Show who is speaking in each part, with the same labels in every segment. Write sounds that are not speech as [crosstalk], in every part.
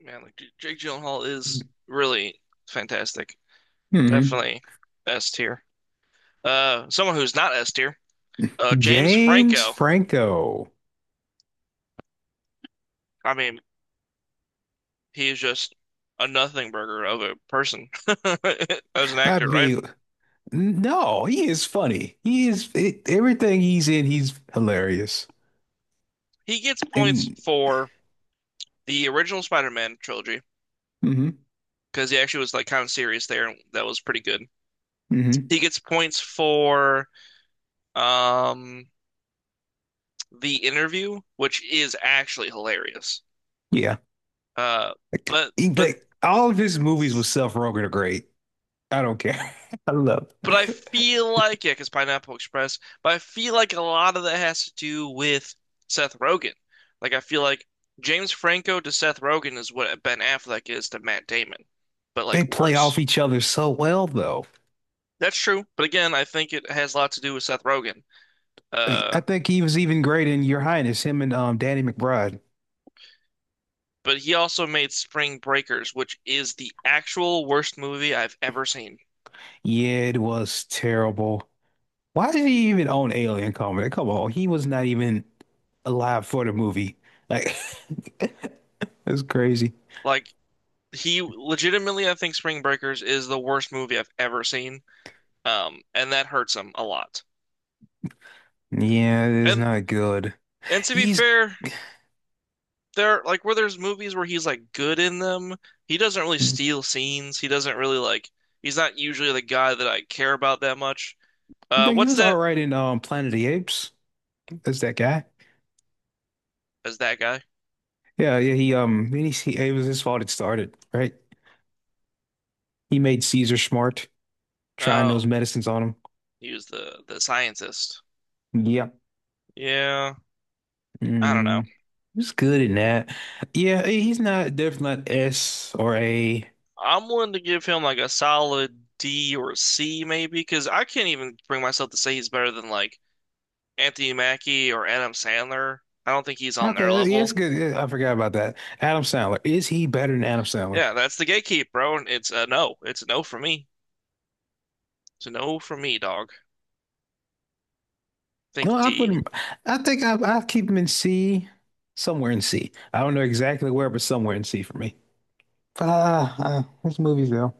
Speaker 1: Man, like Jake Gyllenhaal is really fantastic.
Speaker 2: Hmm.
Speaker 1: Definitely S tier. Someone who's not S tier, James
Speaker 2: James
Speaker 1: Franco.
Speaker 2: Franco.
Speaker 1: I mean, he is just a nothing burger of a person [laughs] as an
Speaker 2: I
Speaker 1: actor, right?
Speaker 2: mean, no, he is funny. He is it, everything he's in, he's hilarious.
Speaker 1: He gets points
Speaker 2: And
Speaker 1: for the original Spider-Man trilogy
Speaker 2: hmm
Speaker 1: because he actually was like kind of serious there, and that was pretty good.
Speaker 2: hmm
Speaker 1: He gets points for um The Interview, which is actually hilarious.
Speaker 2: yeah,
Speaker 1: Uh, but but
Speaker 2: like all of his movies with Seth Rogen are great. I don't care. [laughs] I love.
Speaker 1: But I feel like, yeah, because Pineapple Express, but I feel like a lot of that has to do with Seth Rogen. Like, I feel like James Franco to Seth Rogen is what Ben Affleck is to Matt Damon, but
Speaker 2: They
Speaker 1: like
Speaker 2: play off
Speaker 1: worse.
Speaker 2: each other so well, though.
Speaker 1: That's true. But again, I think it has a lot to do with Seth Rogen.
Speaker 2: I
Speaker 1: Uh,
Speaker 2: I think he was even great in Your Highness, him and Danny McBride.
Speaker 1: but he also made Spring Breakers, which is the actual worst movie I've ever seen.
Speaker 2: Yeah, it was terrible. Why did he even own Alien Covenant? Come on, he was not even alive for the movie. Like, [laughs] that's crazy.
Speaker 1: Like, he legitimately, I think Spring Breakers is the worst movie I've ever seen. And that hurts him a lot.
Speaker 2: Yeah, it is
Speaker 1: And
Speaker 2: not good.
Speaker 1: And to be
Speaker 2: He's,
Speaker 1: fair, there like where there's movies where he's like good in them, he doesn't really
Speaker 2: I
Speaker 1: steal scenes. He doesn't really like he's not usually the guy that I care about that much.
Speaker 2: think he
Speaker 1: What's
Speaker 2: was all
Speaker 1: that?
Speaker 2: right in Planet of the Apes. That's that guy.
Speaker 1: Is that guy?
Speaker 2: Yeah, yeah. He then he it was his fault it started, right? He made Caesar smart, trying those
Speaker 1: Oh,
Speaker 2: medicines on
Speaker 1: he was the scientist.
Speaker 2: him. Yeah.
Speaker 1: Yeah, I don't know.
Speaker 2: Mm, he was good in that. Yeah, he's not definitely not S or A.
Speaker 1: I'm willing to give him like a solid D or a C maybe because I can't even bring myself to say he's better than like Anthony Mackie or Adam Sandler. I don't think he's on their
Speaker 2: Okay, he is
Speaker 1: level.
Speaker 2: good. Yeah, I forgot about that. Adam Sandler. Is he better than Adam Sandler?
Speaker 1: Yeah, that's the gatekeep, bro. It's a no. It's a no for me. So no for me, dog. Think
Speaker 2: No, I put
Speaker 1: D.
Speaker 2: him. I think I keep him in C, somewhere in C. I don't know exactly where, but somewhere in C for me. Ah, his movies though.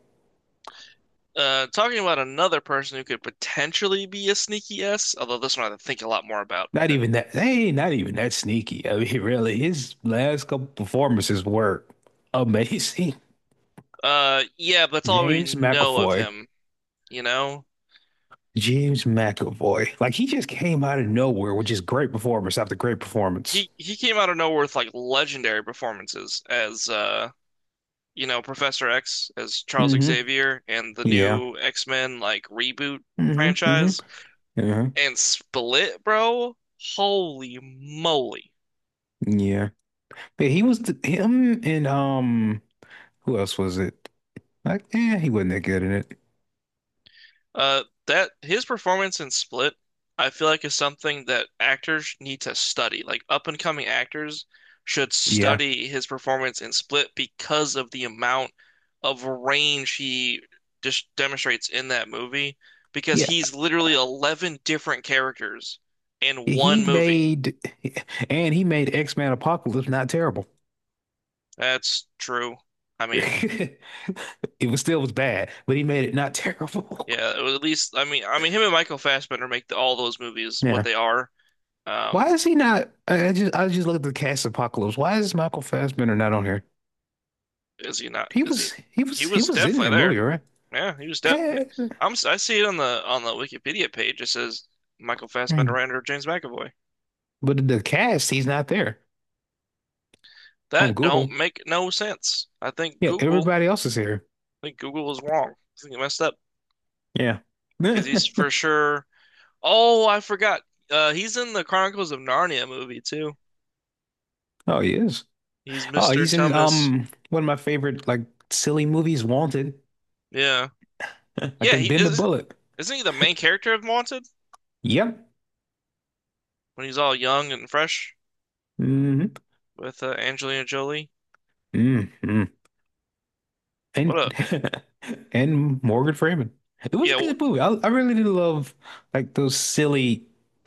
Speaker 1: Talking about another person who could potentially be a sneaky S, although this one I have to think a lot more about
Speaker 2: Not
Speaker 1: than.
Speaker 2: even that. Hey, not even that sneaky. I mean, [laughs] really, his last couple performances were amazing.
Speaker 1: Yeah, but
Speaker 2: [laughs]
Speaker 1: that's all we
Speaker 2: James
Speaker 1: know of
Speaker 2: McAvoy.
Speaker 1: him. You know,
Speaker 2: James McAvoy. Like he just came out of nowhere, which is great performance after great performance.
Speaker 1: he came out of nowhere with like legendary performances as you know, Professor X as Charles
Speaker 2: Mm-hmm.
Speaker 1: Xavier and the
Speaker 2: Yeah.
Speaker 1: new X-Men like reboot
Speaker 2: Mm-hmm. Mm-hmm.
Speaker 1: franchise
Speaker 2: Yeah.
Speaker 1: and Split, bro. Holy moly.
Speaker 2: Yeah. Yeah, him and who else was it? Like, he wasn't that good in it.
Speaker 1: That his performance in Split, I feel like is something that actors need to study. Like up and coming actors should
Speaker 2: Yeah.
Speaker 1: study his performance in Split because of the amount of range he just demonstrates in that movie. Because
Speaker 2: Yeah.
Speaker 1: he's literally 11 different characters in
Speaker 2: He
Speaker 1: one movie.
Speaker 2: made and he made X-Men Apocalypse not terrible.
Speaker 1: That's true. I mean,
Speaker 2: [laughs] It was still was bad, but he made it not [laughs] terrible.
Speaker 1: yeah, it was at least I mean him and Michael Fassbender make all those movies what
Speaker 2: Yeah.
Speaker 1: they are.
Speaker 2: Why
Speaker 1: Um,
Speaker 2: is he not I I just looked at the cast of Apocalypse. Why is Michael Fassbender not on here?
Speaker 1: Is he not?
Speaker 2: He
Speaker 1: Is he?
Speaker 2: was he
Speaker 1: He
Speaker 2: was he
Speaker 1: was
Speaker 2: was in that
Speaker 1: definitely
Speaker 2: movie,
Speaker 1: there.
Speaker 2: right?
Speaker 1: Yeah, he was de
Speaker 2: Eh,
Speaker 1: I'm. S- I see it on the Wikipedia page. It says Michael Fassbender
Speaker 2: hmm.
Speaker 1: and or James McAvoy.
Speaker 2: But the cast, he's not there on
Speaker 1: That don't
Speaker 2: Google.
Speaker 1: make no sense. I think
Speaker 2: Yeah,
Speaker 1: Google.
Speaker 2: everybody else is here.
Speaker 1: I think Google was wrong. I think it messed up
Speaker 2: Yeah.
Speaker 1: because he's for
Speaker 2: [laughs]
Speaker 1: sure. Oh, I forgot. He's in the Chronicles of Narnia movie too.
Speaker 2: Oh, he is.
Speaker 1: He's
Speaker 2: Oh,
Speaker 1: Mr.
Speaker 2: he's in
Speaker 1: Tumnus.
Speaker 2: one of my favorite like silly movies, Wanted.
Speaker 1: Yeah,
Speaker 2: [laughs] I
Speaker 1: yeah.
Speaker 2: can
Speaker 1: He
Speaker 2: bend a
Speaker 1: is.
Speaker 2: bullet.
Speaker 1: Isn't he the main character of Wanted
Speaker 2: Yep.
Speaker 1: when he's all young and fresh
Speaker 2: hmm
Speaker 1: with Angelina Jolie?
Speaker 2: hmm
Speaker 1: What a
Speaker 2: And [laughs] and Morgan Freeman. It was a
Speaker 1: yeah.
Speaker 2: good movie. I really did love like those silly,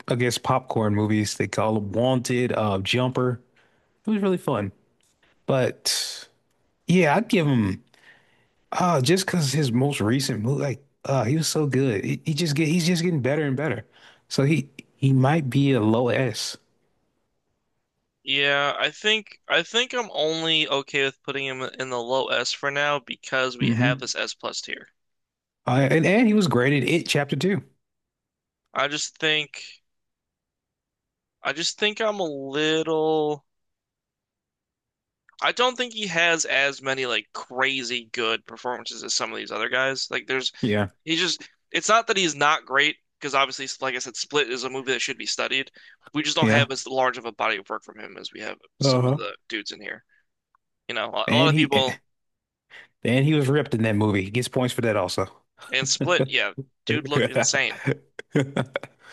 Speaker 2: I guess, popcorn movies. They call them Wanted, Jumper. It was really fun. But yeah, I'd give him. Just because his most recent move, like, he was so good. He's just getting better and better. So he might be a low S.
Speaker 1: Yeah, I think I'm only okay with putting him in the low S for now because we have
Speaker 2: Mm-hmm.
Speaker 1: this S plus tier.
Speaker 2: And he was graded It Chapter Two.
Speaker 1: I just think I just think I'm a little I don't think he has as many like crazy good performances as some of these other guys. Like there's
Speaker 2: Yeah,
Speaker 1: he just it's not that he's not great because obviously like I said Split is a movie that should be studied. We just don't
Speaker 2: yeah.
Speaker 1: have as large of a body of work from him as we have some of
Speaker 2: Uh-huh.
Speaker 1: the dudes in here. You know, a lot
Speaker 2: And
Speaker 1: of
Speaker 2: he eh,
Speaker 1: people
Speaker 2: and he was ripped in that movie. He gets points for that also.
Speaker 1: in Split, yeah, dude looked insane.
Speaker 2: [laughs]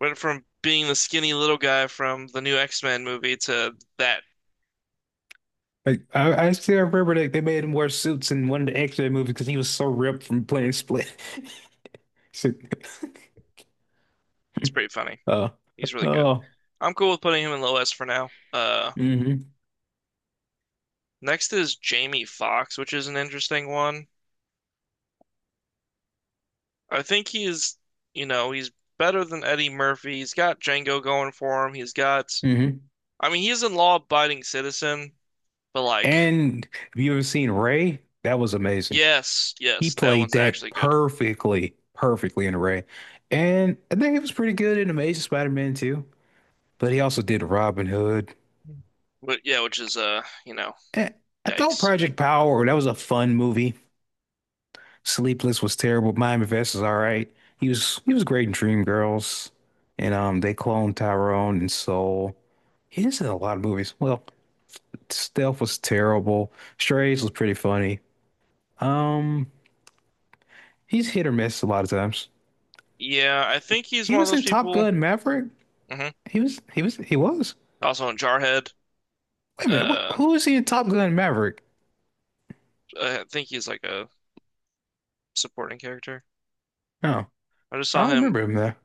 Speaker 1: Went from being the skinny little guy from the new X-Men movie to that.
Speaker 2: Like I still remember that they made him wear suits in one of the X-Men movies because he was so ripped from playing Split. [laughs] So-
Speaker 1: It's pretty
Speaker 2: [laughs]
Speaker 1: funny. He's
Speaker 2: Oh,
Speaker 1: really good.
Speaker 2: oh,
Speaker 1: I'm cool with putting him in low S for now.
Speaker 2: mhm.
Speaker 1: Next is Jamie Foxx, which is an interesting one. I think he's, you know, he's better than Eddie Murphy. He's got Django going for him. He's got,
Speaker 2: Hmm.
Speaker 1: I mean, he's a law-abiding citizen, but like,
Speaker 2: And have you ever seen Ray? That was amazing.
Speaker 1: yes,
Speaker 2: He
Speaker 1: yes, that
Speaker 2: played
Speaker 1: one's actually
Speaker 2: that
Speaker 1: good.
Speaker 2: perfectly, perfectly in Ray. And I think he was pretty good in Amazing Spider-Man too. But he also did Robin Hood.
Speaker 1: But yeah, which is, you know,
Speaker 2: Eh, I thought
Speaker 1: yikes.
Speaker 2: Project Power, that was a fun movie. Sleepless was terrible. Mind Invest is all right. He was great in Dreamgirls. And they cloned Tyrone and Soul. He is in a lot of movies. Well, Stealth was terrible. Strays was pretty funny. Um He's hit or miss a lot of times.
Speaker 1: Yeah, I think he's
Speaker 2: He
Speaker 1: one of
Speaker 2: was
Speaker 1: those
Speaker 2: in Top
Speaker 1: people.
Speaker 2: Gun Maverick.
Speaker 1: Hmm.
Speaker 2: He was.
Speaker 1: Also in Jarhead.
Speaker 2: Wait a minute, what,
Speaker 1: Uh,
Speaker 2: who was he in Top Gun Maverick?
Speaker 1: I think he's like a supporting character.
Speaker 2: No,
Speaker 1: I just
Speaker 2: I
Speaker 1: saw
Speaker 2: don't
Speaker 1: him.
Speaker 2: remember him there.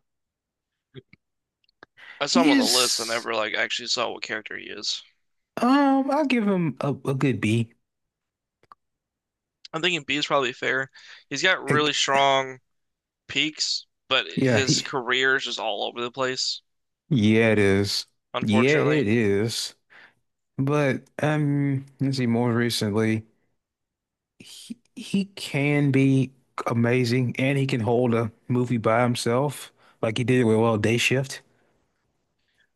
Speaker 1: I saw him
Speaker 2: He
Speaker 1: on the list. I
Speaker 2: is
Speaker 1: never like actually saw what character he is.
Speaker 2: I'll give him a good B.
Speaker 1: I'm thinking B is probably fair. He's got really
Speaker 2: Heck,
Speaker 1: strong peaks, but
Speaker 2: yeah,
Speaker 1: his
Speaker 2: he
Speaker 1: career is just all over the place,
Speaker 2: yeah it is. Yeah,
Speaker 1: unfortunately.
Speaker 2: it is. But let's see more recently. He can be amazing and he can hold a movie by himself like he did with well Day Shift.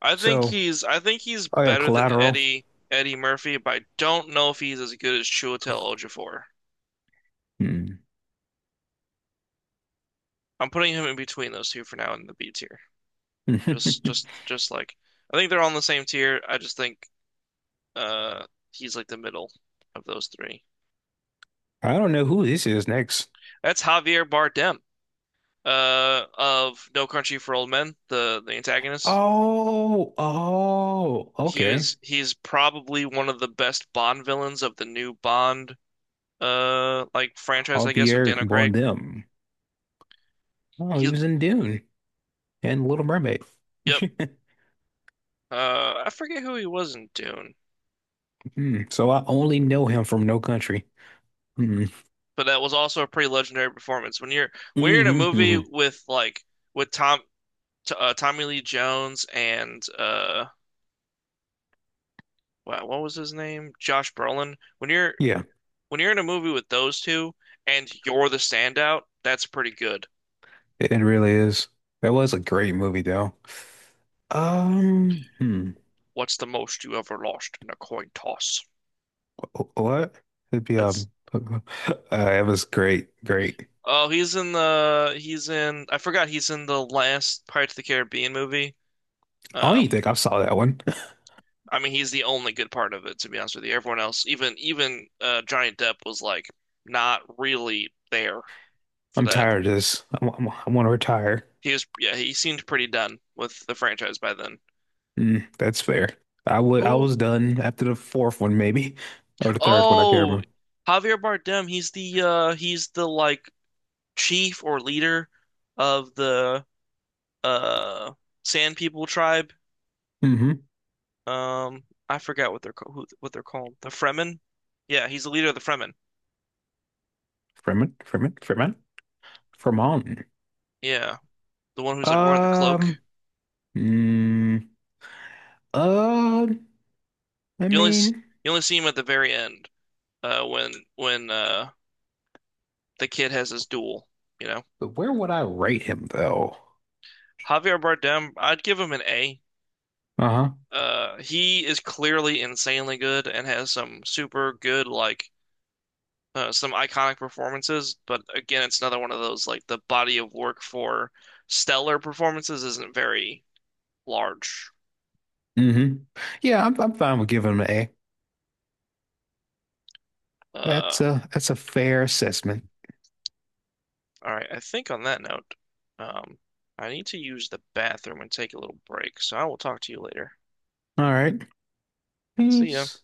Speaker 1: I think
Speaker 2: So,
Speaker 1: he's I think he's
Speaker 2: oh yeah,
Speaker 1: better than
Speaker 2: Collateral.
Speaker 1: Eddie Murphy, but I don't know if he's as good as Chiwetel Ejiofor.
Speaker 2: Hmm.
Speaker 1: I'm putting him in between those two for now in the B tier.
Speaker 2: [laughs] I
Speaker 1: Just like I think they're all on the same tier. I just think Uh, he's like the middle of those three.
Speaker 2: don't know who this is next.
Speaker 1: That's Javier Bardem, of No Country for Old Men, the antagonist.
Speaker 2: Oh, oh,
Speaker 1: He
Speaker 2: okay.
Speaker 1: was he's probably one of the best Bond villains of the new Bond like franchise, I guess, with
Speaker 2: Javier
Speaker 1: Daniel Craig.
Speaker 2: Bardem. Oh, he
Speaker 1: He,
Speaker 2: was in Dune and Little Mermaid.
Speaker 1: yep.
Speaker 2: [laughs]
Speaker 1: I forget who he was in Dune,
Speaker 2: Hmm, so I only know him from No Country. Hmm.
Speaker 1: but that was also a pretty legendary performance. When you're in a
Speaker 2: Hmm.
Speaker 1: movie
Speaker 2: Hmm.
Speaker 1: with like with Tommy Lee Jones and wow, what was his name? Josh Brolin. When you're
Speaker 2: Yeah,
Speaker 1: when you're in a movie with those two and you're the standout, that's pretty good.
Speaker 2: it really is. That was a great movie, though. Um, hmm,
Speaker 1: What's the most you ever lost in a coin toss?
Speaker 2: what? It'd be
Speaker 1: That's
Speaker 2: [laughs] it was great, great.
Speaker 1: oh, he's in I forgot he's in the last Pirates of the Caribbean movie.
Speaker 2: I don't
Speaker 1: Um,
Speaker 2: even think I saw that one. [laughs]
Speaker 1: I mean he's the only good part of it to be honest with you. Everyone else, even Johnny Depp was like not really there for
Speaker 2: I'm
Speaker 1: that.
Speaker 2: tired of this. I want to retire.
Speaker 1: He was yeah he seemed pretty done with the franchise by then.
Speaker 2: That's fair. I
Speaker 1: Who?
Speaker 2: was done after the fourth one maybe or the third one I can't
Speaker 1: Oh,
Speaker 2: remember.
Speaker 1: Javier Bardem. He's the like chief or leader of the uh Sand People tribe.
Speaker 2: Mm-hmm.
Speaker 1: Um, I forgot what they're ca- who, what they're called. The Fremen. Yeah, he's the leader of the Fremen.
Speaker 2: Fremen, Fremen, Fremen, Fremont.
Speaker 1: Yeah, the one who's like wearing the
Speaker 2: Um.
Speaker 1: cloak.
Speaker 2: Mm, uh. I
Speaker 1: You only s-
Speaker 2: mean,
Speaker 1: you only see him at the very end, when the kid has his duel. You know,
Speaker 2: but where would I rate him though?
Speaker 1: Javier Bardem. I'd give him an A.
Speaker 2: Uh-huh.
Speaker 1: He is clearly insanely good and has some super good like some iconic performances, but again, it's another one of those like the body of work for stellar performances isn't very large.
Speaker 2: Mm-hmm. Yeah, I'm fine with giving him an A.
Speaker 1: Uh,
Speaker 2: That's a fair assessment.
Speaker 1: all right, I think on that note, um, I need to use the bathroom and take a little break, so I will talk to you later.
Speaker 2: All right.
Speaker 1: See ya.
Speaker 2: Peace.